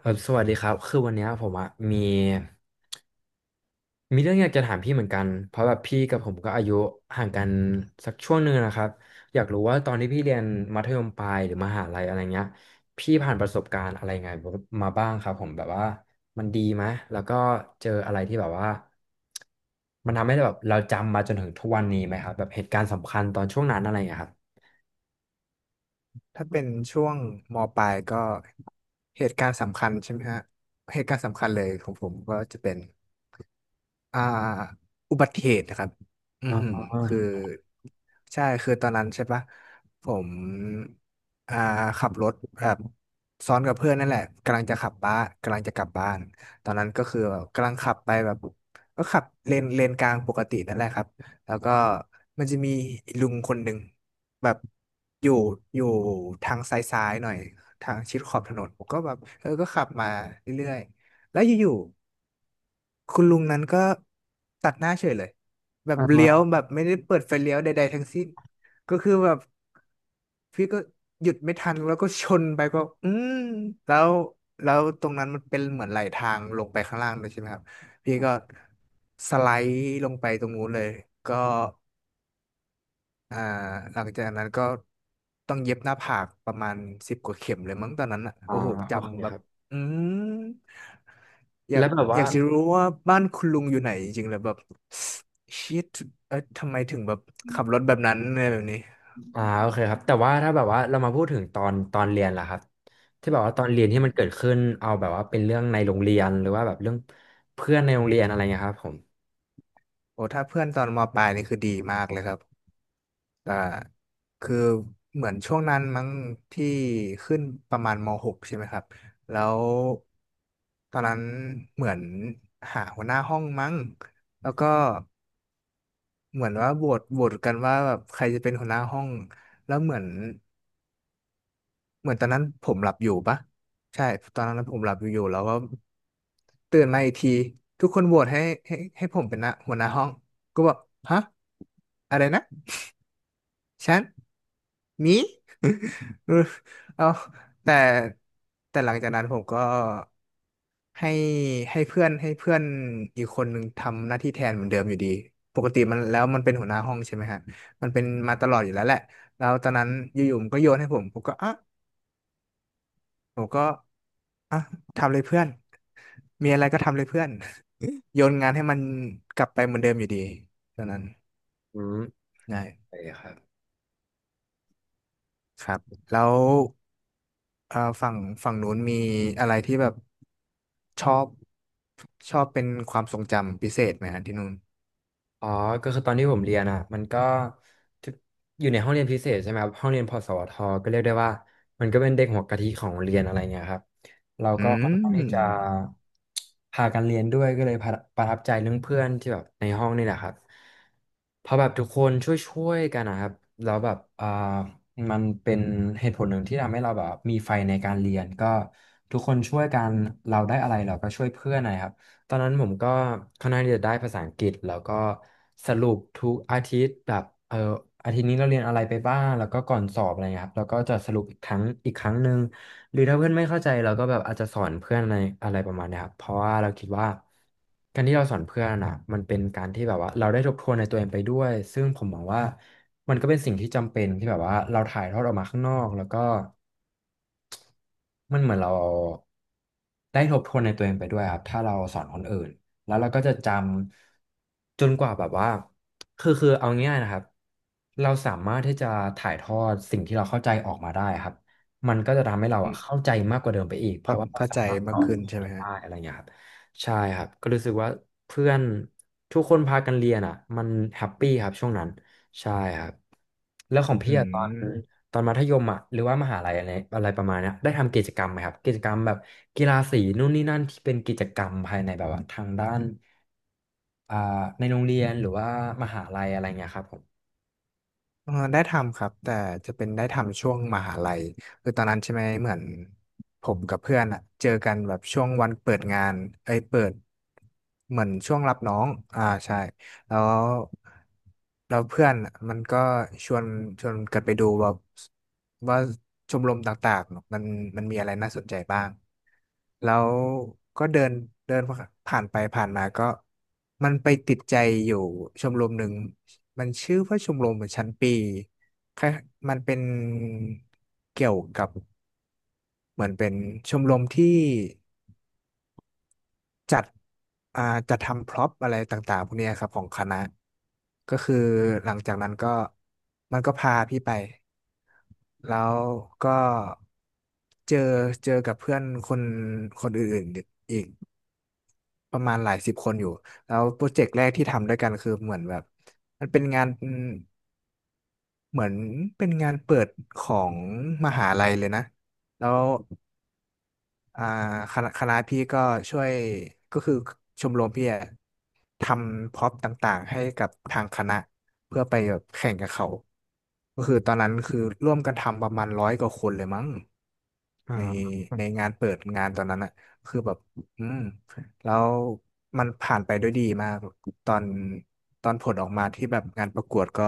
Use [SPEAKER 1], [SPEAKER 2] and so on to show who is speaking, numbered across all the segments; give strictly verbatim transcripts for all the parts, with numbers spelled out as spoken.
[SPEAKER 1] ครัสวัสดีครับคือวันเนี้ยผมอะมีมีเรื่องอยากจะถามพี่เหมือนกันเพราะแบบพี่กับผมก็อายุห่างกันสักช่วงหนึ่งนะครับอยากรู้ว่าตอนที่พี่เรียนมัธยมปลายหรือมหาลัยอะไรเงี้ยพี่ผ่านประสบการณ์อะไรไงมาบ้างครับผมแบบว่ามันดีไหมแล้วก็เจออะไรที่แบบว่ามันทำให้แบบเราจำมาจนถึงทุกวันนี้ไหมครับแบบเหตุการณ์สำคัญตอนช่วงนั้นอะไรเงี้ยครับ
[SPEAKER 2] ถ้าเป็นช่วงมปลายก็เหตุการณ์สำคัญใช่ไหมฮะเหตุการณ์สำคัญเลยของผมก็จะเป็นอ่าอุบัติเหตุนะครับอื
[SPEAKER 1] อ่
[SPEAKER 2] อหือ
[SPEAKER 1] า
[SPEAKER 2] คือ ใช่คือตอนนั้นใช่ปะผมอ่าขับรถแบบซ้อนกับเพื่อนนั่นแหละกำลังจะขับบ้านกำลังจะกลับบ้านตอนนั้นก็คือแบบกำลังขับไปแบบก็ขับเลนเลนกลางปกตินั่นแหละครับแล้วก็มันจะมีลุงคนหนึ่งแบบอยู่อยู่ทางซ้ายๆหน่อยทางชิดขอบถนนผมก็แบบเออก็ขับมาเรื่อยๆแล้วอยู่ คุณลุงนั้นก็ตัดหน้าเฉยเลยแบบเลี้ยวแบบไม่ได้เปิดไฟเลี้ยวใดๆทั้งสิ้นก็คือแบบพี่ก็หยุดไม่ทันแล้วก็ชนไปก็อืมแล้วแล้วตรงนั้นมันเป็นเหมือนไหลทางลงไปข้างล่างเลยใช่ไหมครับพี่ก็สไลด์ลงไปตรงนู้นเลยก็ อ่าหลังจากนั้นก็ต้องเย็บหน้าผากประมาณสิบกว่าเข็มเลยมั้งตอนนั้นอ่ะ
[SPEAKER 1] อ่า
[SPEAKER 2] โอ้โห
[SPEAKER 1] โอเค
[SPEAKER 2] จำแบ
[SPEAKER 1] ค
[SPEAKER 2] บ
[SPEAKER 1] รับ
[SPEAKER 2] อืมอยา
[SPEAKER 1] แล้
[SPEAKER 2] ก
[SPEAKER 1] วแบบ
[SPEAKER 2] อ
[SPEAKER 1] ว่า
[SPEAKER 2] ยากจะรู้ว่าบ้านคุณลุงอยู่ไหนจริงๆแล้วแบบชิดเอ้ยทำไมถึงแบบขับรถแบบนั้นอะไรแบบนี้
[SPEAKER 1] อ่าโอเคครับแต่ว่าถ้าแบบว่าเรามาพูดถึงตอนตอนเรียนล่ะครับที่แบบว่าตอนเรียนที่
[SPEAKER 2] อื
[SPEAKER 1] มันเกิด
[SPEAKER 2] ม
[SPEAKER 1] ขึ้นเอาแบบว่าเป็นเรื่องในโรงเรียนหรือว่าแบบเรื่องเพื่อนในโรงเรียนอะไรเงี้ยครับผม
[SPEAKER 2] โอ้ถ้าเพื่อนตอนมปลายนี่คือดีมากเลยครับ แต่คือเหมือนช่วงนั้นมั้งที่ขึ้นประมาณมหกใช่ไหมครับแล้วตอนนั้นเหมือนหาหัวหน้าห้องมั้งแล้วก็เหมือนว่าโหวตโหวตกันว่าแบบใครจะเป็นหัวหน้าห้องแล้วเหมือนเหมือนตอนนั้นผมหลับอยู่ปะใช่ตอนนั้นผมหลับอยู่แล้วก็ตื่นมาอีกทีทุกคนโหวตให้ให้ให้ผมเป็นนะหัวหน้าห้องก็บอกฮะอะไรนะฉัน มี เออเอาแต่แต่หลังจากนั้นผมก็ให้ให้เพื่อนให้เพื่อนอีกคนหนึ่งทำหน้าที่แทนเหมือนเดิมอยู่ดีปกติมันแล้วมันเป็นหัวหน้าห้องใช่ไหมฮะมันเป็นมาตลอดอยู่แล้วแหละแล้วตอนนั้นอยู่ๆมันก็โยนให้ผมผมก็อ่ะผมก็อ่ะทำเลยเพื่อน มีอะไรก็ทำเลยเพื่อน โยนงานให้มันกลับไปเหมือนเดิมอยู่ดีตอนนั้น
[SPEAKER 1] อืม
[SPEAKER 2] ใช่
[SPEAKER 1] โอเคครับ
[SPEAKER 2] ครับแล้ว อ่าฝั่งฝั่งนู้นมีอะไรที่แบบชอบชอบเป็นความทรงจำพิเศษไหมฮะที่นู่น
[SPEAKER 1] อ๋อก็คือตอนที่ผมเรียนอ่ะมันก็ทุกอยู่ในห้องเรียนพิเศษใช่ไหมครับห้องเรียนพสวทก็เรียกได้ว่ามันก็เป็นเด็กหัวกะทิของโรงเรียนอะไรเงี้ยครับเราก็
[SPEAKER 2] อื
[SPEAKER 1] ค่อนข้าง
[SPEAKER 2] ม
[SPEAKER 1] ที่จะพากันเรียนด้วยก็เลยประประทับใจเรื่องเพื่อนที่แบบในห้องนี่แหละครับเพราะแบบทุกคนช่วยๆกันนะครับแล้วแบบอ่ามันเป็นเหตุผลหนึ่งที่ทำให้เราแบบมีไฟในการเรียนก็ทุกคนช่วยกันเราได้อะไรเราก็ช่วยเพื่อนนะครับ ตอนนั้นผมก็ค่อนข้างที่จะได้ภาษาอังกฤษแล้วก็สรุปทุกอาทิตย์แบบเอออาทิตย์นี้เราเรียนอะไรไปบ้างแล้วก็ก่อนสอบอะไรเงี้ยครับแล้วก็จะสรุปอีกครั้งอีกครั้งหนึ่งหรือถ้าเพื่อนไม่เข้าใจเราก็แบบอาจจะสอนเพื่อนอะไรอะไรประมาณเนี้ยครับเพราะว่าเราคิดว่าการที่เราสอนเพื่อนอ่ะมันเป็นการที่แบบว่าเราได้ทบทวนในตัวเองไปด้วยซึ่งผมมองว่ามันก็เป็นสิ่งที่จำเป็นที่แบบว่าเราถ่ายทอดออกมาข้างนอกแล้วก็ มันเหมือนเราได้ทบทวนในตัวเองไปด้วยครับถ้าเราสอนคนอื่นแล้วเราก็จะจำจนกว่าแบบว่าคือคือเอาง่ายๆนะครับเราสามารถที่จะถ่ายทอดสิ่งที่เราเข้าใจออกมาได้ครับมันก็จะทำให้เราอะเข้าใจมากกว่าเดิมไปอีกเพ
[SPEAKER 2] เข้า
[SPEAKER 1] ราะว่าเรา
[SPEAKER 2] เข้า
[SPEAKER 1] สา
[SPEAKER 2] ใจ
[SPEAKER 1] มารถส
[SPEAKER 2] มา
[SPEAKER 1] อ
[SPEAKER 2] ก
[SPEAKER 1] น
[SPEAKER 2] ขึ้น
[SPEAKER 1] คน
[SPEAKER 2] ใช่ไห
[SPEAKER 1] อื่
[SPEAKER 2] ม
[SPEAKER 1] น
[SPEAKER 2] ฮะ
[SPEAKER 1] ได้อะไรอย่างเงี้ยครับใช่ครับก็รู้สึกว่าเพื่อนทุกคนพากันเรียนอ่ะมันแฮปปี้ครับช่วงนั้นใช่ครับแล้วของ
[SPEAKER 2] อื
[SPEAKER 1] พี่อะตอน
[SPEAKER 2] ม
[SPEAKER 1] ตอนมัธยมอ่ะหรือว่ามหาลัยอะไรอะไรประมาณเนี้ยได้ทำกิจกรรมไหมครับกิจกรรมแบบกีฬาสีนู่นนี่นั่นที่เป็นกิจกรรมภายในแบบว่าทางด้านอ่าในโรงเรียนหรือว่ามหาลัยอะไรเงี้ยครับผม
[SPEAKER 2] เอ่อได้ทำครับแต่จะเป็นได้ทำช่วงมหาลัยคือตอนนั้นใช่ไหมเหมือนผมกับเพื่อนอะเจอกันแบบช่วงวันเปิดงานเอ้ยเปิดเหมือนช่วงรับน้องอ่าใช่ แล้วเราเพื่อนอะมันก็ชวนชวนกันไปดูว่าว่าชมรมต่างๆเนอะมันมันมีอะไรน่าสนใจบ้างแล้วก็เดินเดินผ่านไปผ่านมาก็มันไปติดใจอยู่ชมรมหนึ่งมันชื่อว่าชมรมชั้นปีคล้ายมันเป็นเกี่ยวกับเหมือนเป็นชมรมที่ จัดอ่าจัดทำพร็อพอะไรต่างๆพวกเนี้ยครับของคณะก็คือหลังจากนั้นก็มันก็พาพี่ไปแล้วก็เจอเจอกับเพื่อนคนคนอื่นๆอีกประมาณหลายสิบคนอยู่แล้วโปรเจกต์แรกที่ทำด้วยกันคือเหมือนแบบมันเป็นงานเหมือนเป็นงานเปิดของมหาลัยเลยนะแล้ว อ่าคณะคณะพี่ก็ช่วยก็คือชมรมพี่อะทำพร็อพต่างๆให้กับทางคณะเพื่อไปแบบแข่งกับเขาก็คือตอนนั้นคือร่วมกันทำประมาณร้อยกว่าคนเลยมั้งใน
[SPEAKER 1] อ่า
[SPEAKER 2] ในงานเปิดงานตอนนั้นอะคือแบบอืมแล้วมันผ่านไปด้วยดีมากตอนตอนผลออกมาที่แบบงานประกวดก็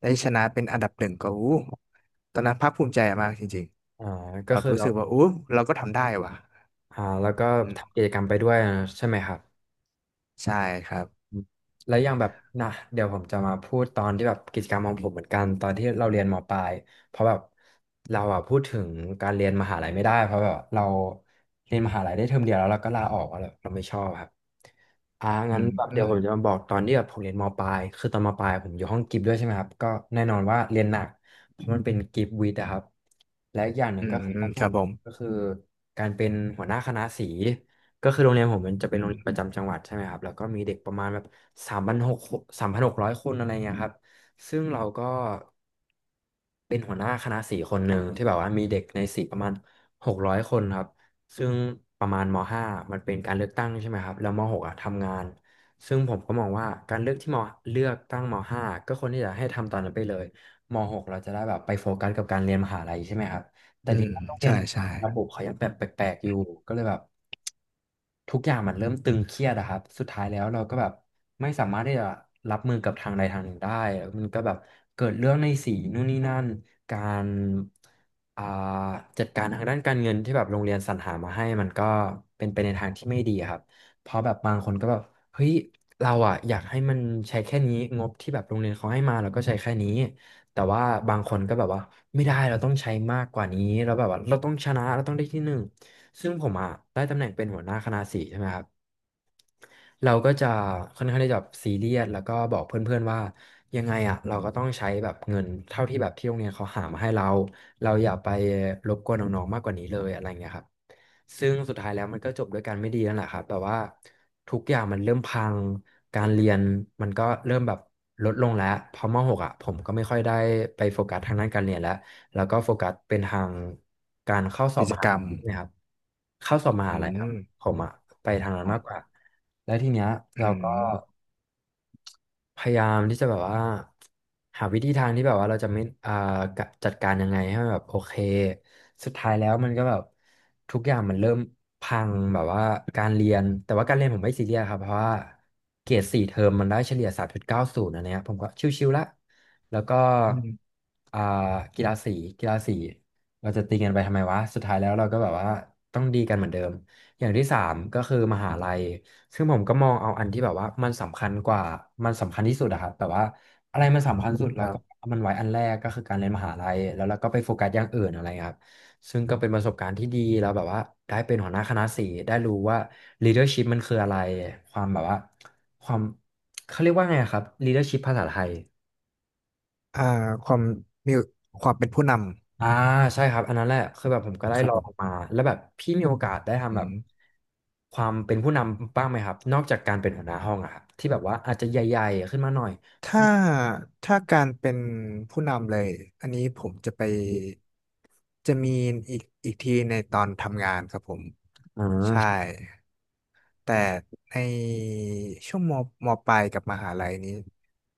[SPEAKER 2] ได้ชนะเป็นอันดับหนึ่งก็อู้ตอนนั้นภาคภูมิใจมากจริง
[SPEAKER 1] อ่า
[SPEAKER 2] ๆ
[SPEAKER 1] ก็
[SPEAKER 2] แบบ
[SPEAKER 1] คือ
[SPEAKER 2] รู้
[SPEAKER 1] เรา
[SPEAKER 2] สึกว่าอู้เราก็ทำได้ว่ะ
[SPEAKER 1] อ่าแล้วก็
[SPEAKER 2] อืม
[SPEAKER 1] ทำกิจกรรมไปด้วยใช่ไหมครับ
[SPEAKER 2] ใช่ครับ
[SPEAKER 1] แล้วอยังแบบนะเดี๋ยวผมจะมาพูดตอนที่แบบกิจกรรมของผมเหมือนกันตอนที่เราเรียนมปลายเพราะแบบเราอะพูดถึงการเรียนมหาลัยไม่ได้เพราะแบบเราเรียนมหาลัยได้เทอมเดียวแล้วเราก็ลาออกแล้วเราไม่ชอบครับอ่า
[SPEAKER 2] อื
[SPEAKER 1] งั้น
[SPEAKER 2] ม
[SPEAKER 1] แบบ
[SPEAKER 2] อื
[SPEAKER 1] เดี๋ยว
[SPEAKER 2] ม
[SPEAKER 1] ผมจะมาบอกตอนที่แบบผมเรียนมปลายคือตอนมปลายผมอยู่ห้องกิฟต์ด้วยใช่ไหมครับก็แน่นอนว่าเรียนหนักเพราะมันเป็นกิฟต์วิทย์อะครับ และอีกอย่างหนึ่
[SPEAKER 2] อื
[SPEAKER 1] ง
[SPEAKER 2] ม
[SPEAKER 1] ก็
[SPEAKER 2] อื
[SPEAKER 1] คือต
[SPEAKER 2] ม
[SPEAKER 1] องผ
[SPEAKER 2] ครับ
[SPEAKER 1] ม
[SPEAKER 2] ผม
[SPEAKER 1] ก็คือการเป็นหัวหน้าคณะสีก็คือโรงเรียนผมมันจะเป็น
[SPEAKER 2] อื
[SPEAKER 1] โรง
[SPEAKER 2] ม
[SPEAKER 1] เรียนประจำจังหวัดใช่ไหมครับแล้วก็มีเด็กประมาณแบบสามพันหกสามพันหกร้อยคนอะไรเงี้ยครับซึ่งเราก็เป็นหัวหน้าคณะสีคนหนึ่งที่แบบว่ามีเด็กในสีประมาณหกร้อยคนครับซึ่งประมาณมห้ามันเป็นการเลือกตั้งใช่ไหมครับแล้วมหกอะทำงานซึ่งผมก็มองว่าการเลือกที่มเลือกตั้งมห้าก็ควรที่จะให้ทำตอนนั้นไปเลยมหกเราจะได้แบบไปโฟกัสกับการเรียนมหาลัยใช่ไหมครับ แต่
[SPEAKER 2] อื
[SPEAKER 1] ที่
[SPEAKER 2] ม
[SPEAKER 1] โรงเรีย
[SPEAKER 2] ใช่
[SPEAKER 1] นผม
[SPEAKER 2] ใช่
[SPEAKER 1] อะระบบเขายังแบบแปลกๆอยู่ก็เลยแบบทุกอย่างมันเริ่มตึงเครียดอะครับสุดท้ายแล้วเราก็แบบไม่สามารถที่จะรับมือกับทางใดทางหนึ่งได้แล้วมันก็แบบเกิดเรื่องในสีนู่นนี่นั่นการอ่าจัดการทางด้านการเงินที่แบบโรงเรียนสรรหามาให้มันก็เป็นไปในทางที่ไม่ดีอะครับเพราะแบบบางคนก็แบบเฮ้ยเราอะอยากให้มันใช้แค่นี้งบที่แบบโรงเรียนเขาให้มาเราก็ใช้แค่นี้ แต่ว่าบางคนก็แบบว่าไม่ได้เราต้องใช้มากกว่านี้เราแบบว่าเราต้องชนะเราต้องได้ที่หนึ่งซึ่งผมอ่ะได้ตำแหน่งเป็นหัวหน้าคณะสีใช่ไหมครับเราก็จะค่อนข้างที่จะซีเรียสแล้วก็บอกเพื่อนๆว่ายังไงอ่ะเราก็ต้องใช้แบบเงินเท่าที่แบบที่โรงเรียนเขาหามาให้เราเราอย่าไปรบกวนน้องๆมากกว่านี้เลยอะไรเงี้ยครับ ซึ่งสุดท้ายแล้วมันก็จบด้วยกันไม่ดีนั่นแหละครับแบบว่าทุกอย่างมันเริ่มพังการเรียนมันก็เริ่มแบบลดลงแล้วพอมหกอ่ะผมก็ไม่ค่อยได้ไปโฟกัสทางด้านการเรียนแล้วแล้วก็โฟกัสเป็นทางการเข้าสอ
[SPEAKER 2] กิ
[SPEAKER 1] บ
[SPEAKER 2] จ
[SPEAKER 1] มหา
[SPEAKER 2] กรร
[SPEAKER 1] ลั
[SPEAKER 2] ม
[SPEAKER 1] ยนะครับเข้าสอบม
[SPEAKER 2] อื
[SPEAKER 1] หาลัยครับ
[SPEAKER 2] ม
[SPEAKER 1] ผมอะไปทางนั้น
[SPEAKER 2] อ๋อ
[SPEAKER 1] มากกว่าแล้วทีเนี้ยเรา
[SPEAKER 2] อื
[SPEAKER 1] ก็
[SPEAKER 2] ม
[SPEAKER 1] พยายามที่จะแบบว่าหาวิธีทางที่แบบว่าเราจะไม่อ่ากะจัดการยังไงให้มันแบบโอเคสุดท้ายแล้วมันก็แบบทุกอย่างมันเริ่มพังแบบว่าการเรียนแต่ว่าการเรียนผมไม่ซีเรียสครับเพราะว่าเกรดสี่เทอมมันได้เฉลี่ยสามจุดเก้าศูนย์อันเนี้ยผมก็ชิวๆละแล้วก็
[SPEAKER 2] อืม
[SPEAKER 1] อ่ากีฬาสีกีฬาสีเราจะตีกันไปทำไมวะสุดท้ายแล้วเราก็แบบว่าต้องดีกันเหมือนเดิมอย่างที่สามก็คือมหาลัย ซึ่งผมก็มองเอาอันที่แบบว่ามันสำคัญกว่ามันสำคัญที่สุดอะครับแบบว่าอะไรมันสำคัญสุด
[SPEAKER 2] ค
[SPEAKER 1] เรา
[SPEAKER 2] รั
[SPEAKER 1] ก็
[SPEAKER 2] บ
[SPEAKER 1] เอามันไว้อันแรกก็คือการเรียนมหาลัยแล้วเราก็ไปโฟกัสอย่างอื่นอะไรครับซึ่งก็เป็นประสบการณ์ที่ดีแล้วแบบว่าได้เป็นหัวหน้าคณะสีได้รู้ว่า leadership มันคืออะไรความแบบว่าความเขาเรียกว่าไงอะครับ leadership ภาษาไทย
[SPEAKER 2] อ่าความมีความเป็นผู้น
[SPEAKER 1] อ่าใช่ครับอันนั้นแหละคือแบบผมก็ได้
[SPEAKER 2] ำครั
[SPEAKER 1] ล
[SPEAKER 2] บ
[SPEAKER 1] อ
[SPEAKER 2] ผ
[SPEAKER 1] งมา
[SPEAKER 2] ม
[SPEAKER 1] แล้วแบบพี่มีโอกาสได้
[SPEAKER 2] อื
[SPEAKER 1] ทำแบบ
[SPEAKER 2] ม
[SPEAKER 1] ความเป็นผู้นำบ้างไหมครับนอกจากการเป็นหัวหน้าห้องอะครับที่แบบว่าอาจจะใหญ่ๆขึ้นมาหน่อย
[SPEAKER 2] ถ้าถ้าการเป็นผู้นำเลย อันนี้ผมจะไป จะมีอีกอีกทีในตอนทำงานครับผม
[SPEAKER 1] อ่
[SPEAKER 2] ใช่
[SPEAKER 1] า
[SPEAKER 2] แต่ในช่วงมมปลายกับมหาลัยนี้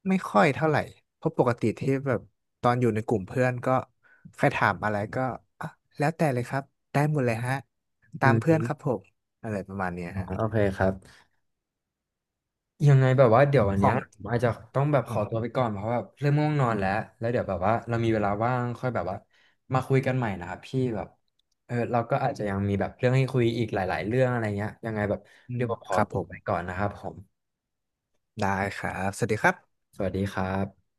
[SPEAKER 2] ไม่ค่อยเท่าไหร่เพราะปกติที่แบบตอนอยู่ในกลุ่มเพื่อนก็ใครถามอะไรก็อ่ะแล้วแต่เลยครับได้หมดเลยฮะ
[SPEAKER 1] อื
[SPEAKER 2] ตามเพื่อนครับ
[SPEAKER 1] ม
[SPEAKER 2] ผมอะไรประมาณเนี้ย
[SPEAKER 1] อ๋อ
[SPEAKER 2] ฮะ
[SPEAKER 1] โอเคครับ ยังไงแบบว่าเดี๋ยววัน
[SPEAKER 2] ขอ
[SPEAKER 1] เนี้ย
[SPEAKER 2] ง
[SPEAKER 1] ผมอาจจะต้องแบบข
[SPEAKER 2] อ๋
[SPEAKER 1] อตัว
[SPEAKER 2] อ
[SPEAKER 1] ไปก่อนเพราะว่าเริ่มง่วงนอนแล้ว แล้วเดี๋ยวแบบว่าเรามีเวลาว่างค่อยแบบว่ามาคุยกันใหม่นะครับพี่แบบเออเราก็อาจจะยังมีแบบเรื่องให้คุยอีกหลายๆเรื่องอะไรเงี้ยยังไงแบบ
[SPEAKER 2] อื
[SPEAKER 1] เดี๋ย
[SPEAKER 2] ม
[SPEAKER 1] วผมข
[SPEAKER 2] ค
[SPEAKER 1] อ
[SPEAKER 2] รับ
[SPEAKER 1] ตั
[SPEAKER 2] ผ
[SPEAKER 1] ว
[SPEAKER 2] ม
[SPEAKER 1] ไปก่อนนะครับผม
[SPEAKER 2] ได้ครับสวัสดีครับ
[SPEAKER 1] สวัสดีครับ